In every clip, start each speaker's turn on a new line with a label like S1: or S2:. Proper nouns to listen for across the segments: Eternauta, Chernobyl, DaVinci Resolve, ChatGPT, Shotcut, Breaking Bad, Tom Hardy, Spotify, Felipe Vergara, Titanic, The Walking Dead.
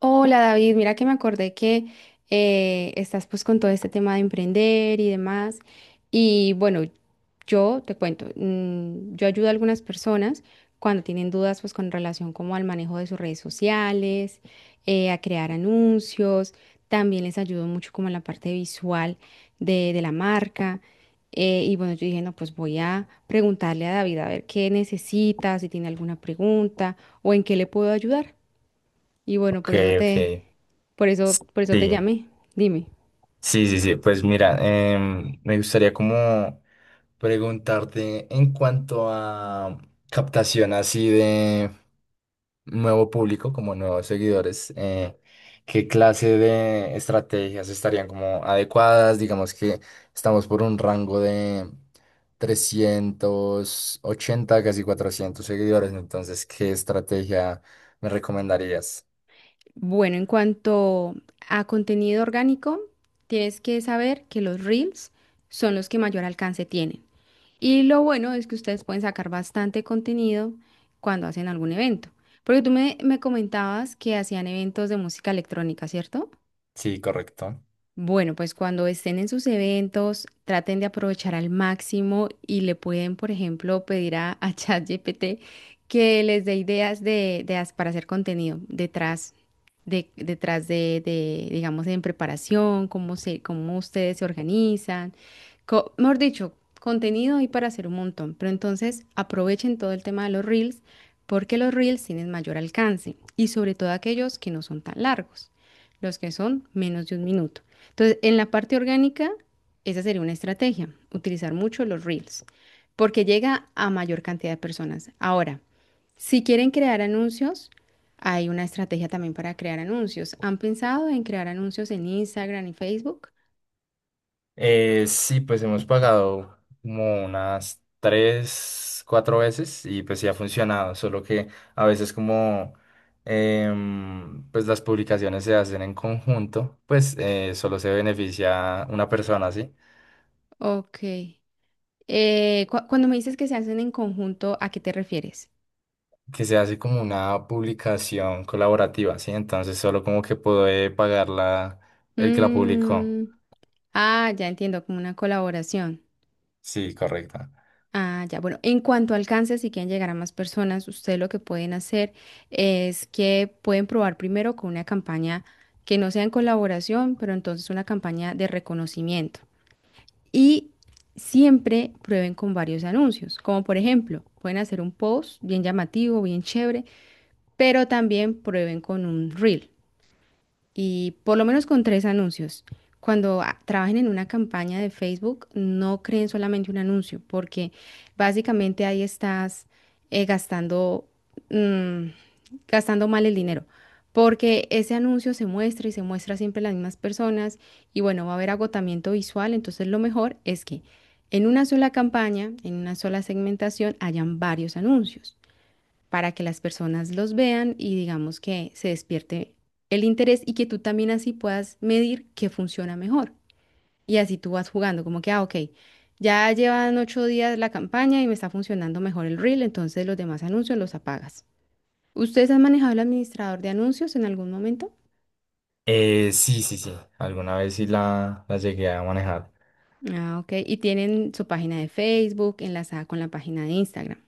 S1: Hola David, mira que me acordé que estás pues con todo este tema de emprender y demás. Y bueno, yo te cuento, yo ayudo a algunas personas cuando tienen dudas pues con relación como al manejo de sus redes sociales, a crear anuncios, también les ayudo mucho como en la parte visual de la marca. Y bueno, yo dije, no, pues voy a preguntarle a David a ver qué necesita, si tiene alguna pregunta o en qué le puedo ayudar. Y bueno,
S2: Ok, ok.
S1: por eso te
S2: Sí,
S1: llamé. Dime.
S2: sí, sí, sí. Pues mira, me gustaría como preguntarte en cuanto a captación así de nuevo público, como nuevos seguidores, ¿qué clase de estrategias estarían como adecuadas? Digamos que estamos por un rango de 380, casi 400 seguidores, entonces, ¿qué estrategia me recomendarías?
S1: Bueno, en cuanto a contenido orgánico, tienes que saber que los Reels son los que mayor alcance tienen. Y lo bueno es que ustedes pueden sacar bastante contenido cuando hacen algún evento. Porque me comentabas que hacían eventos de música electrónica, ¿cierto?
S2: Sí, correcto.
S1: Bueno, pues cuando estén en sus eventos, traten de aprovechar al máximo y le pueden, por ejemplo, pedir a ChatGPT que les dé ideas de para hacer contenido detrás de, digamos, en preparación, cómo ustedes se organizan. Mejor dicho, contenido hay para hacer un montón, pero entonces aprovechen todo el tema de los reels porque los reels tienen mayor alcance y sobre todo aquellos que no son tan largos, los que son menos de un minuto. Entonces, en la parte orgánica, esa sería una estrategia, utilizar mucho los reels, porque llega a mayor cantidad de personas. Ahora, si quieren crear anuncios, hay una estrategia también para crear anuncios. ¿Han pensado en crear anuncios en Instagram y Facebook?
S2: Sí, pues hemos pagado como unas tres, cuatro veces y pues sí ha funcionado, solo que a veces como pues las publicaciones se hacen en conjunto, pues solo se beneficia una persona, ¿sí?
S1: Ok. Cuando me dices que se hacen en conjunto, ¿a qué te refieres?
S2: Que se hace como una publicación colaborativa, ¿sí? Entonces solo como que puede pagarla el que la publicó.
S1: Mm, ah, ya entiendo, como una colaboración.
S2: Sí, correcto.
S1: Ah, ya, bueno, en cuanto alcance, si quieren llegar a más personas, ustedes lo que pueden hacer es que pueden probar primero con una campaña que no sea en colaboración, pero entonces una campaña de reconocimiento. Y siempre prueben con varios anuncios, como por ejemplo, pueden hacer un post bien llamativo, bien chévere, pero también prueben con un reel. Y por lo menos con tres anuncios. Cuando trabajen en una campaña de Facebook, no creen solamente un anuncio, porque básicamente ahí estás gastando, mm, gastando mal el dinero. Porque ese anuncio se muestra y se muestra siempre a las mismas personas y bueno, va a haber agotamiento visual. Entonces lo mejor es que en una sola campaña, en una sola segmentación, hayan varios anuncios para que las personas los vean y digamos que se despierte el interés y que tú también así puedas medir qué funciona mejor. Y así tú vas jugando, como que, ah, ok, ya llevan 8 días la campaña y me está funcionando mejor el reel, entonces los demás anuncios los apagas. ¿Ustedes han manejado el administrador de anuncios en algún momento?
S2: Sí, sí, sí, alguna vez sí la llegué a manejar.
S1: Ah, ok. Y tienen su página de Facebook enlazada con la página de Instagram.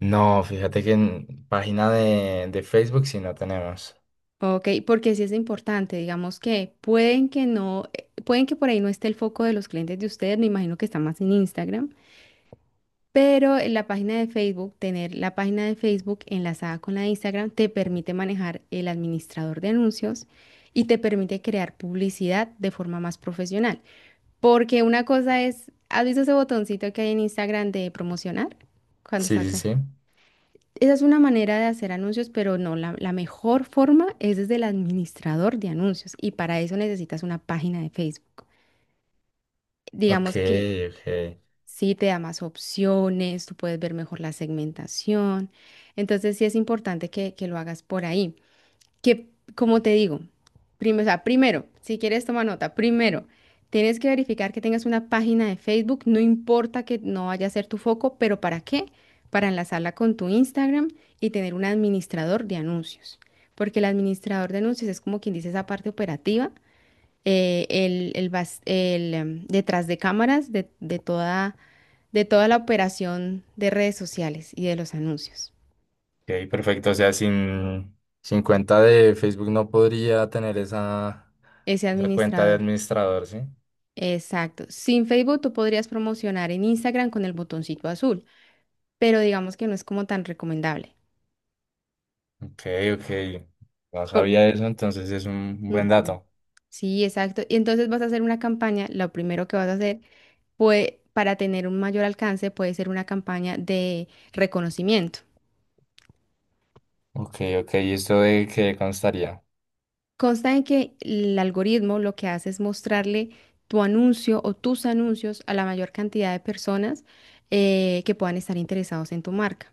S2: No, fíjate que en página de Facebook sí no tenemos.
S1: Ok, porque sí es importante, digamos que pueden que no, pueden que por ahí no esté el foco de los clientes de ustedes, me imagino que está más en Instagram, pero en la página de Facebook, tener la página de Facebook enlazada con la de Instagram te permite manejar el administrador de anuncios y te permite crear publicidad de forma más profesional, porque una cosa es, ¿has visto ese botoncito que hay en Instagram de promocionar? Cuando
S2: Sí, sí,
S1: sacas
S2: sí.
S1: esa es una manera de hacer anuncios, pero no, la mejor forma es desde el administrador de anuncios y para eso necesitas una página de Facebook.
S2: Ok,
S1: Digamos que
S2: ok.
S1: sí te da más opciones, tú puedes ver mejor la segmentación, entonces sí es importante que lo hagas por ahí que, como te digo, o sea, primero, si quieres toma nota, primero, tienes que verificar que tengas una página de Facebook, no importa que no vaya a ser tu foco, pero ¿para qué? Para enlazarla con tu Instagram y tener un administrador de anuncios, porque el administrador de anuncios es como quien dice esa parte operativa, el bas- el, em, detrás de cámaras de de toda la operación de redes sociales y de los anuncios,
S2: Ok, perfecto. O sea, sin cuenta de Facebook no podría tener esa,
S1: ese
S2: esa cuenta de
S1: administrador.
S2: administrador, ¿sí?
S1: Exacto. Sin Facebook tú podrías promocionar en Instagram con el botoncito azul, pero digamos que no es como tan recomendable.
S2: Ok, ok. No
S1: Por...
S2: sabía eso, entonces es un buen
S1: Ujú.
S2: dato.
S1: Sí, exacto. Y entonces vas a hacer una campaña, lo primero que vas a hacer, pues para tener un mayor alcance puede ser una campaña de reconocimiento.
S2: Ok, ok. ¿Y esto de qué constaría?
S1: Consta en que el algoritmo lo que hace es mostrarle tu anuncio o tus anuncios a la mayor cantidad de personas que puedan estar interesados en tu marca.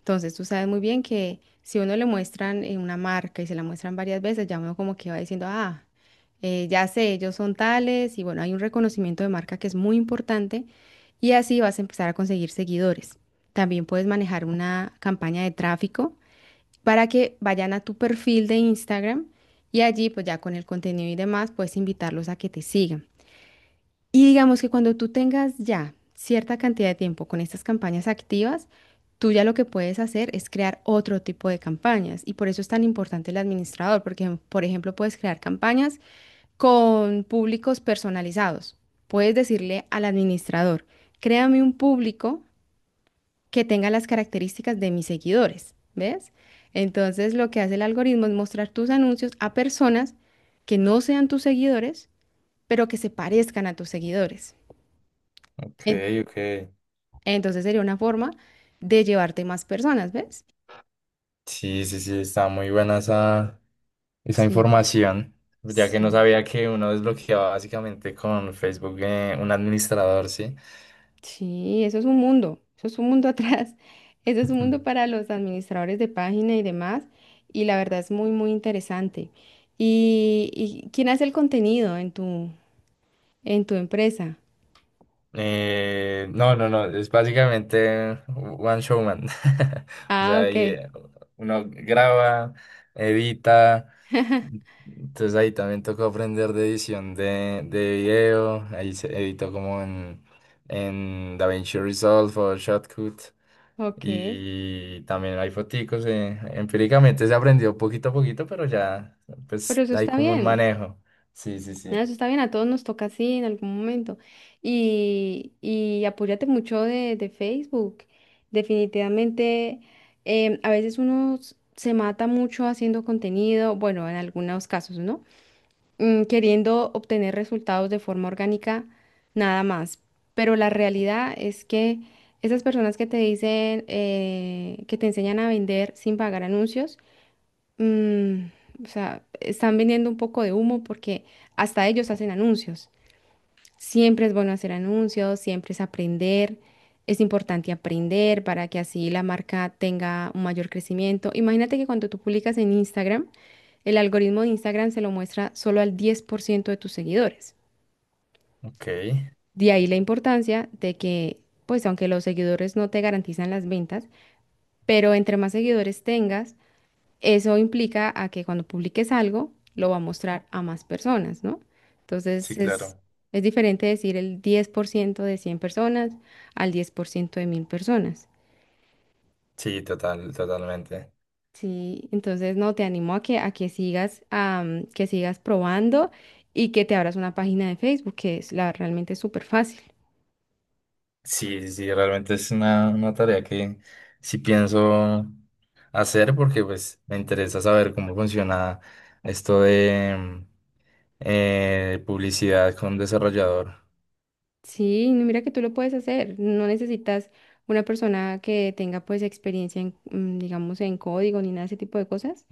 S1: Entonces, tú sabes muy bien que si uno le muestran una marca y se la muestran varias veces, ya uno como que va diciendo, ah, ya sé, ellos son tales, y bueno, hay un reconocimiento de marca que es muy importante, y así vas a empezar a conseguir seguidores. También puedes manejar una campaña de tráfico para que vayan a tu perfil de Instagram y allí, pues ya con el contenido y demás, puedes invitarlos a que te sigan. Y digamos que cuando tú tengas ya cierta cantidad de tiempo con estas campañas activas, tú ya lo que puedes hacer es crear otro tipo de campañas. Y por eso es tan importante el administrador, porque, por ejemplo, puedes crear campañas con públicos personalizados. Puedes decirle al administrador, créame un público que tenga las características de mis seguidores, ¿ves? Entonces, lo que hace el algoritmo es mostrar tus anuncios a personas que no sean tus seguidores, pero que se parezcan a tus seguidores.
S2: Ok, ok.
S1: Entonces sería una forma de llevarte más personas, ¿ves?
S2: Sí, sí, sí, está muy buena esa. Esa
S1: Sí,
S2: información, ya que no
S1: sí.
S2: sabía que uno desbloqueaba básicamente con Facebook un administrador, ¿sí?
S1: Sí, eso es un mundo, eso es un mundo atrás, eso es un
S2: Ujú.
S1: mundo para los administradores de página y demás, y la verdad es muy, muy interesante. ¿Y quién hace el contenido en en tu empresa?
S2: No, no, no, es básicamente one showman. O
S1: Ah,
S2: sea, ahí,
S1: ok,
S2: uno graba, edita, entonces ahí también tocó aprender de edición de video, ahí se editó como en DaVinci Resolve o Shotcut.
S1: ok,
S2: Y también hay foticos, empíricamente se aprendió poquito a poquito, pero ya
S1: pero
S2: pues
S1: eso
S2: hay
S1: está
S2: como un
S1: bien.
S2: manejo. Sí, sí,
S1: Nada
S2: sí.
S1: eso está bien, a todos nos toca así en algún momento. Y apóyate mucho de Facebook. Definitivamente, a veces uno se mata mucho haciendo contenido, bueno, en algunos casos, ¿no? Queriendo obtener resultados de forma orgánica, nada más. Pero la realidad es que esas personas que te dicen, que te enseñan a vender sin pagar anuncios, o sea, están vendiendo un poco de humo porque hasta ellos hacen anuncios. Siempre es bueno hacer anuncios, siempre es aprender. Es importante aprender para que así la marca tenga un mayor crecimiento. Imagínate que cuando tú publicas en Instagram, el algoritmo de Instagram se lo muestra solo al 10% de tus seguidores.
S2: Ok.
S1: De ahí la importancia de que, pues aunque los seguidores no te garantizan las ventas, pero entre más seguidores tengas, eso implica a que cuando publiques algo, lo va a mostrar a más personas, ¿no?
S2: Sí,
S1: Entonces
S2: claro.
S1: es diferente decir el 10% de 100 personas al 10% de 1000 personas.
S2: Sí, total, totalmente.
S1: Sí, entonces no, te animo a que sigas, que sigas probando y que te abras una página de Facebook, que es la realmente es súper fácil.
S2: Sí, sí, sí, realmente es una tarea que sí pienso hacer porque pues me interesa saber cómo funciona esto de publicidad con desarrollador.
S1: Sí, no, mira que tú lo puedes hacer. No necesitas una persona que tenga pues experiencia en, digamos, en código ni nada de ese tipo de cosas.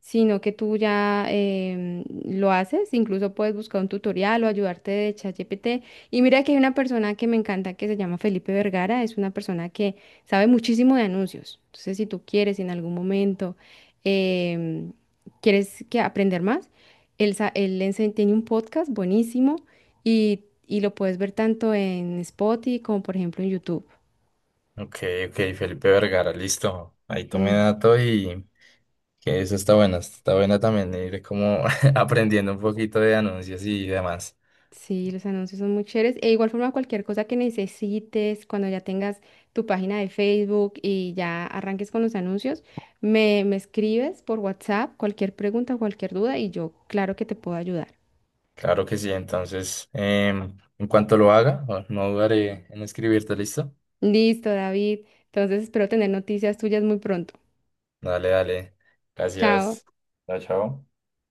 S1: Sino que tú ya lo haces, incluso puedes buscar un tutorial o ayudarte de ChatGPT. Y mira que hay una persona que me encanta que se llama Felipe Vergara, es una persona que sabe muchísimo de anuncios. Entonces, si tú quieres si en algún momento, em, quieres que aprender más, él tiene un podcast buenísimo y lo puedes ver tanto en Spotify como por ejemplo en YouTube.
S2: Ok, ok, Felipe Vergara, listo. Ahí tomé dato y que eso está bueno también ir como aprendiendo un poquito de anuncios y demás.
S1: Sí, los anuncios son muy chéveres. E igual forma, cualquier cosa que necesites, cuando ya tengas tu página de Facebook y ya arranques con los anuncios, me escribes por WhatsApp cualquier pregunta, cualquier duda y yo, claro que te puedo ayudar.
S2: Claro que sí, entonces, en cuanto lo haga, no dudaré en escribirte, ¿listo?
S1: Listo, David. Entonces espero tener noticias tuyas muy pronto.
S2: Dale, dale.
S1: Chao.
S2: Gracias. Chao, chao.